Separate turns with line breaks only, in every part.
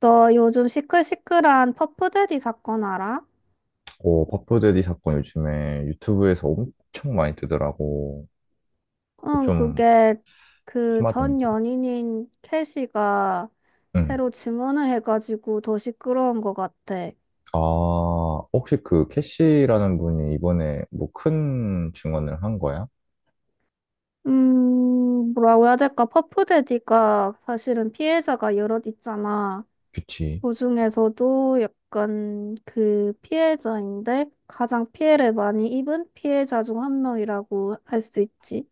너 요즘 시끌시끌한 퍼프데디 사건 알아?
어, 버프데디 사건 요즘에 유튜브에서 엄청 많이 뜨더라고. 그거
응,
좀
그게 그 전
심하던데.
연인인 캐시가
응.
새로 증언을 해가지고 더 시끄러운 것 같아.
아, 혹시 그 캐시라는 분이 이번에 뭐 큰 증언을 한 거야?
뭐라고 해야 될까? 퍼프데디가 사실은 피해자가 여럿 있잖아.
그치.
그 중에서도 약간 그 피해자인데 가장 피해를 많이 입은 피해자 중 한 명이라고 할 수 있지.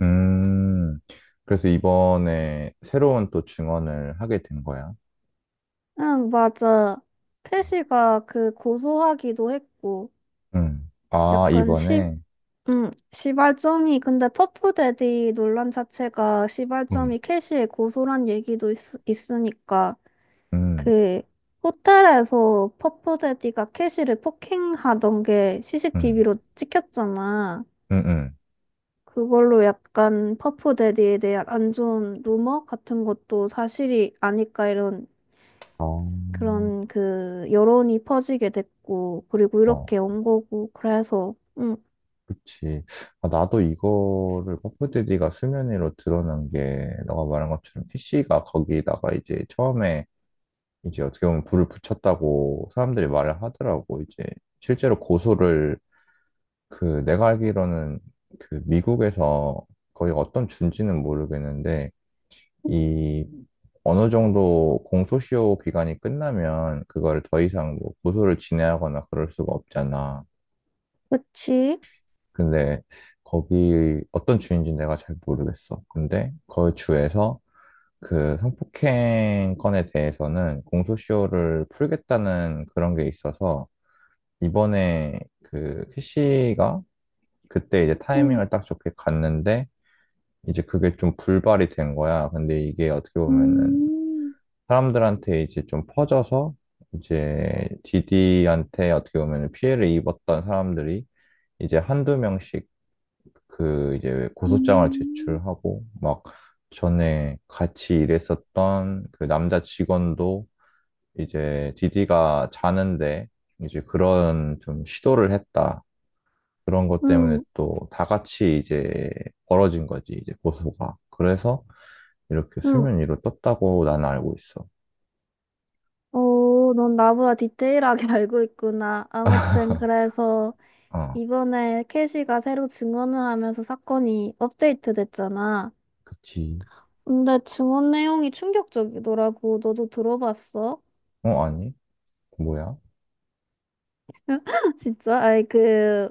음, 그래서 이번에 새로운 또 증언을 하게 된 거야.
응, 맞아. 캐시가 그 고소하기도 했고,
응. 아,
약간 시,
이번에?
시발점이, 근데 퍼프데디 논란 자체가 시발점이
응,
캐시의 고소란 있으니까,
응,
그, 호텔에서 퍼프데디가 캐시를 폭행하던 게
응,
CCTV로 찍혔잖아.
응, 응,
그걸로 약간 퍼프데디에 대한 안 좋은 루머 같은 것도 사실이 아닐까 이런
아,
그런 그 여론이 퍼지게 됐고, 그리고
어.
이렇게 온 거고, 그래서, 응,
그치. 아, 나도 이거를 퍼프디디가 수면 위로 드러난 게, 너가 말한 것처럼 PC가 거기다가 이제 처음에 이제 어떻게 보면 불을 붙였다고 사람들이 말을 하더라고. 이제 실제로 고소를, 그 내가 알기로는, 그 미국에서 거의 어떤 준지는 모르겠는데, 이 어느 정도 공소시효 기간이 끝나면 그걸 더 이상 뭐 고소를 진행하거나 그럴 수가 없잖아.
그치?
근데 거기 어떤 주인지 내가 잘 모르겠어. 근데 그 주에서 그 성폭행 건에 대해서는 공소시효를 풀겠다는 그런 게 있어서 이번에 그 캐시가 그때 이제
응,
타이밍을 딱 좋게 갔는데 이제 그게 좀 불발이 된 거야. 근데 이게 어떻게 보면은
음,
사람들한테 이제 좀 퍼져서 이제 디디한테 어떻게 보면 피해를 입었던 사람들이 이제 한두 명씩 그 이제 고소장을
음.
제출하고 막 전에 같이 일했었던 그 남자 직원도 이제 디디가 자는데 이제 그런 좀 시도를 했다. 그런 것 때문에
응,
또 다 같이 이제 벌어진 거지, 이제 고소가. 그래서 이렇게
응.
수면 위로 떴다고 나는 알고 있어.
오, 넌 나보다 디테일하게 알고 있구나. 아무튼, 그래서,
아,
이번에 캐시가 새로 증언을 하면서 사건이 업데이트 됐잖아.
그치.
근데 증언 내용이 충격적이더라고. 너도 들어봤어?
어, 아니? 뭐야?
진짜? 아이, 그,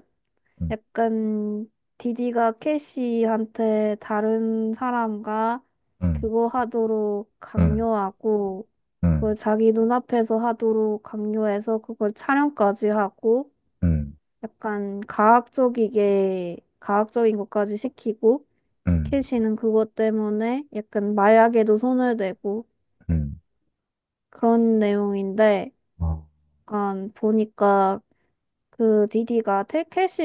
응,
약간 디디가 캐시한테 다른 사람과
응,
그거 하도록
응,
강요하고 그걸
응,
자기 눈앞에서 하도록 강요해서 그걸 촬영까지 하고
응,
약간 과학적이게 과학적인 것까지 시키고
응,
캐시는 그것 때문에 약간 마약에도 손을 대고
응,
그런 내용인데
아,
약간 보니까 그 디디가 텔시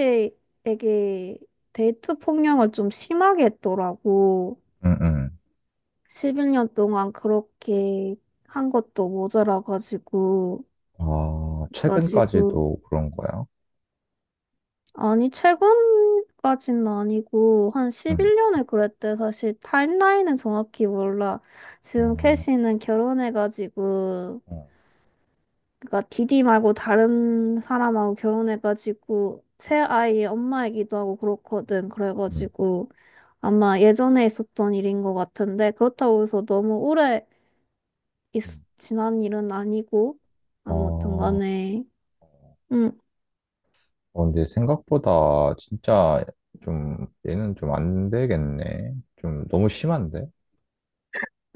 에게 데이트 폭력을 좀 심하게 했더라고.
응, 응.
11년 동안 그렇게 한 것도 모자라가지고,
아,
나 지금,
최근까지도 그런 거야?
아니, 최근까지는 아니고, 한
응.
11년을 그랬대. 사실 타임라인은 정확히 몰라. 지금
어,
캐시는 결혼해가지고,
어,
그러니까 디디 말고 다른 사람하고 결혼해가지고 새 아이의 엄마이기도 하고 그렇거든.
응,
그래가지고 아마 예전에 있었던 일인 것 같은데 그렇다고 해서 있,
응.
지난 일은 아니고 아무튼
어,
간에 응.
어, 근데 생각보다 진짜 좀 얘는 좀 안 되겠네. 좀 너무 심한데?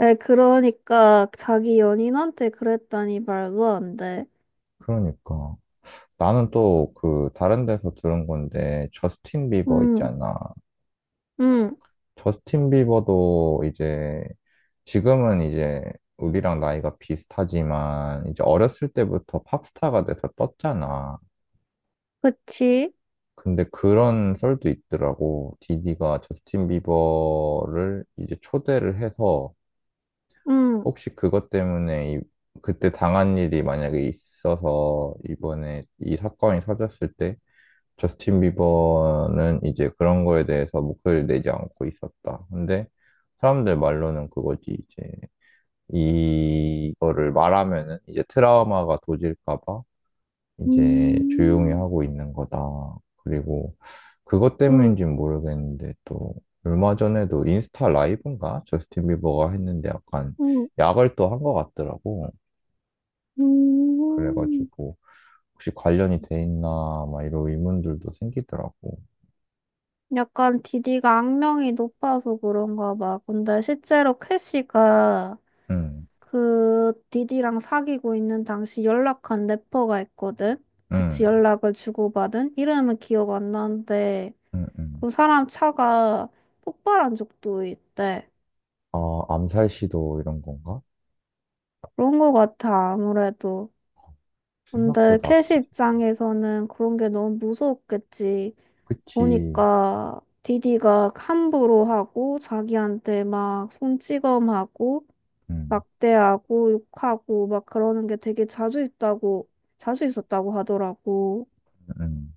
에 그러니까 자기 연인한테 그랬다니 말도 안 돼.
그러니까. 나는 또 그 다른 데서 들은 건데 저스틴 비버
응
있잖아.
응
저스틴 비버도 이제 지금은 이제 우리랑 나이가 비슷하지만 이제 어렸을 때부터 팝스타가 돼서 떴잖아.
그치?
근데 그런 썰도 있더라고. 디디가 저스틴 비버를 이제 초대를 해서
응
혹시 그것 때문에 그때 당한 일이 만약에 있어서 이번에 이 사건이 터졌을 때 저스틴 비버는 이제 그런 거에 대해서 목소리를 내지 않고 있었다. 근데 사람들 말로는 그거지 이제 이거를 말하면은 이제 트라우마가 도질까 봐 이제 조용히
음,
하고 있는 거다. 그리고 그것
음,
때문인지는 모르겠는데 또 얼마 전에도 인스타 라이브인가? 저스틴 비버가 했는데 약간
음,
약을 또 한 것 같더라고.
음.
그래가지고 혹시 관련이 돼 있나 막 이런 의문들도 생기더라고.
약간 디디가 악명이 높아서 그런가 봐. 근데 실제로 캐시가
응,
그 디디랑 사귀고 있는 당시 연락한 래퍼가 있거든? 같이
응,
연락을 주고받은? 이름은 기억 안 나는데
응, 응.
그 사람 차가 폭발한 적도 있대.
아, 암살 시도 이런 건가?
그런 거 같아, 아무래도. 근데
생각보다
캐시
악질이.
입장에서는 그런 게 너무 무서웠겠지.
그치.
보니까 디디가 함부로 하고 자기한테 막 손찌검하고
응,
막대하고 욕하고 막 그러는 게 되게 자주 있었다고 하더라고.
응.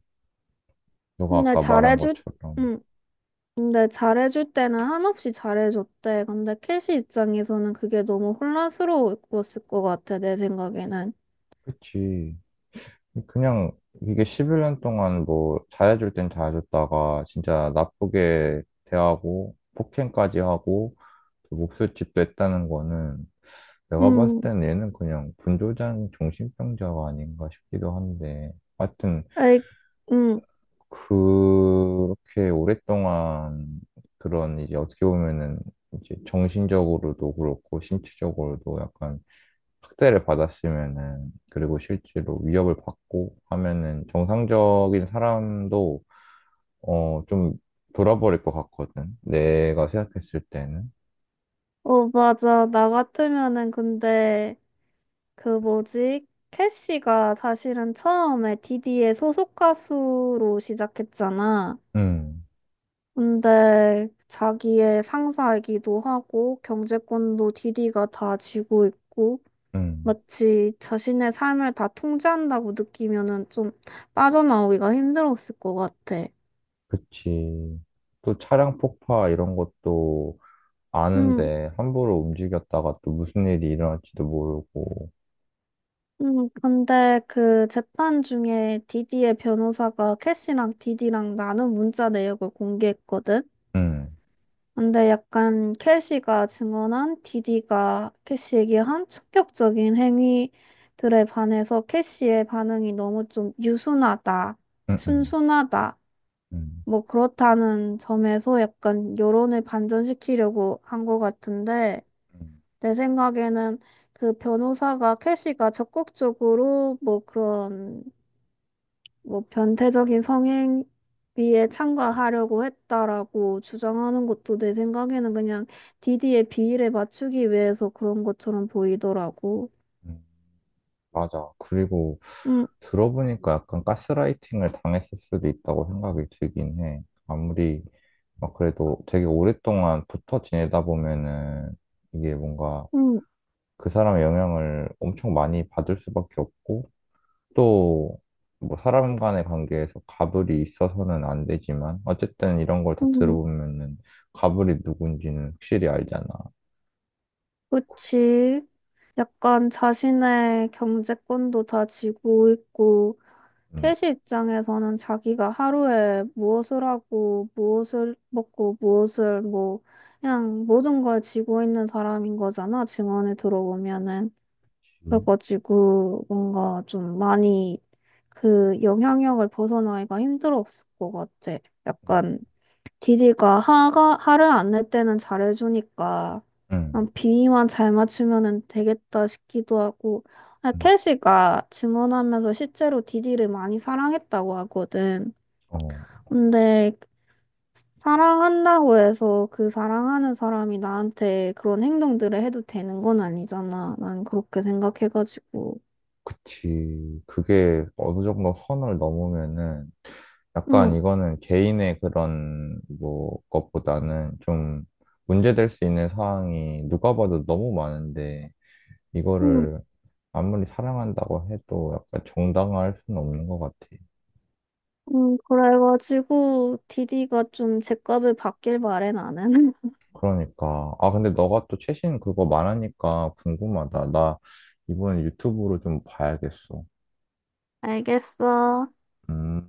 너가
근데
아까 말한
잘해줄
것처럼.
응. 근데 잘해줄 때는 한없이 잘해줬대. 근데 캐시 입장에서는 그게 너무 혼란스러웠을 것 같아, 내 생각에는.
그치. 그냥 이게 11년 동안 뭐 잘해줄 땐 잘해줬다가 진짜 나쁘게 대하고 폭행까지 하고 또 목술집도 했다는 거는 내가 봤을
응.
때는 얘는 그냥 분조장 정신병자가 아닌가 싶기도 한데 하여튼
에이, 음.
그렇게 오랫동안 그런 이제 어떻게 보면은 이제 정신적으로도 그렇고 신체적으로도 약간 학대를 받았으면은, 그리고 실제로 위협을 받고 하면은 정상적인 사람도, 어, 좀 돌아버릴 것 같거든. 내가 생각했을 때는.
어, 맞아. 나 같으면은 근데 그 뭐지? 캐시가 사실은 처음에 디디의 소속 가수로 시작했잖아.
음,
근데 자기의 상사이기도 하고 경제권도 디디가 다 쥐고 있고
음,
마치 자신의 삶을 다 통제한다고 느끼면은 좀 빠져나오기가 힘들었을 것 같아.
그치. 또 차량 폭파 이런 것도
음,
아는데 함부로 움직였다가 또 무슨 일이 일어날지도 모르고.
근데 그 재판 중에 디디의 변호사가 캐시랑 디디랑 나눈 문자 내역을 공개했거든?
음,
근데 약간 캐시가 증언한 디디가 캐시에게 한 충격적인 행위들에 반해서 캐시의 반응이 너무 좀 유순하다,
음, 음,
순순하다,
음,
뭐 그렇다는 점에서 약간 여론을 반전시키려고 한 것 같은데,
음,
내 생각에는 그 변호사가 캐시가 적극적으로 뭐 그런 뭐 변태적인 성행위에
음.
참가하려고 했다라고 주장하는 것도 내 생각에는 그냥 디디의 비위를 맞추기 위해서 그런 것처럼 보이더라고.
음. 맞아. 그리고
응,
들어보니까 약간 가스라이팅을 당했을 수도 있다고 생각이 들긴 해. 아무리 막 그래도 되게 오랫동안 붙어 지내다 보면은 이게 뭔가
응,
그 사람의 영향을 엄청 많이 받을 수밖에 없고 또 뭐 사람 간의 관계에서 갑을이 있어서는 안 되지만 어쨌든 이런 걸 다
응.
들어보면은 갑을이 누군지는 확실히 알잖아.
그치. 약간 자신의 경제권도 다 쥐고 있고,
음.
캐시 입장에서는 자기가 하루에 무엇을 하고, 무엇을 먹고, 무엇을 뭐, 그냥 모든 걸 쥐고 있는 사람인 거잖아, 증언에 들어보면은.
음.
그래가지고 뭔가 좀 많이 그 영향력을 벗어나기가 힘들었을 것 같아.
음.
약간 디디가 화가 화를 안 낼 때는 잘해주니까
음.
그냥 비위만 잘 맞추면은 되겠다 싶기도 하고 아,
음.
캐시가 증언하면서 실제로 디디를 많이 사랑했다고 하거든.
어.
근데 사랑한다고 해서 그 사랑하는 사람이 나한테 그런 행동들을 해도 되는 건 아니잖아. 난 그렇게 생각해가지고.
그치. 그게 어느 정도 선을 넘으면은 약간
응.
이거는 개인의 그런 뭐 것보다는 좀 문제될 수 있는 상황이 누가 봐도 너무 많은데
음,
이거를 아무리 사랑한다고 해도 약간 정당화할 수는 없는 것 같아.
그래가지고 디디가 좀 제값을 받길 바래 나는.
그러니까. 아, 근데 너가 또 최신 그거 말하니까 궁금하다. 나 이번에 유튜브로 좀 봐야겠어.
알겠어.
음.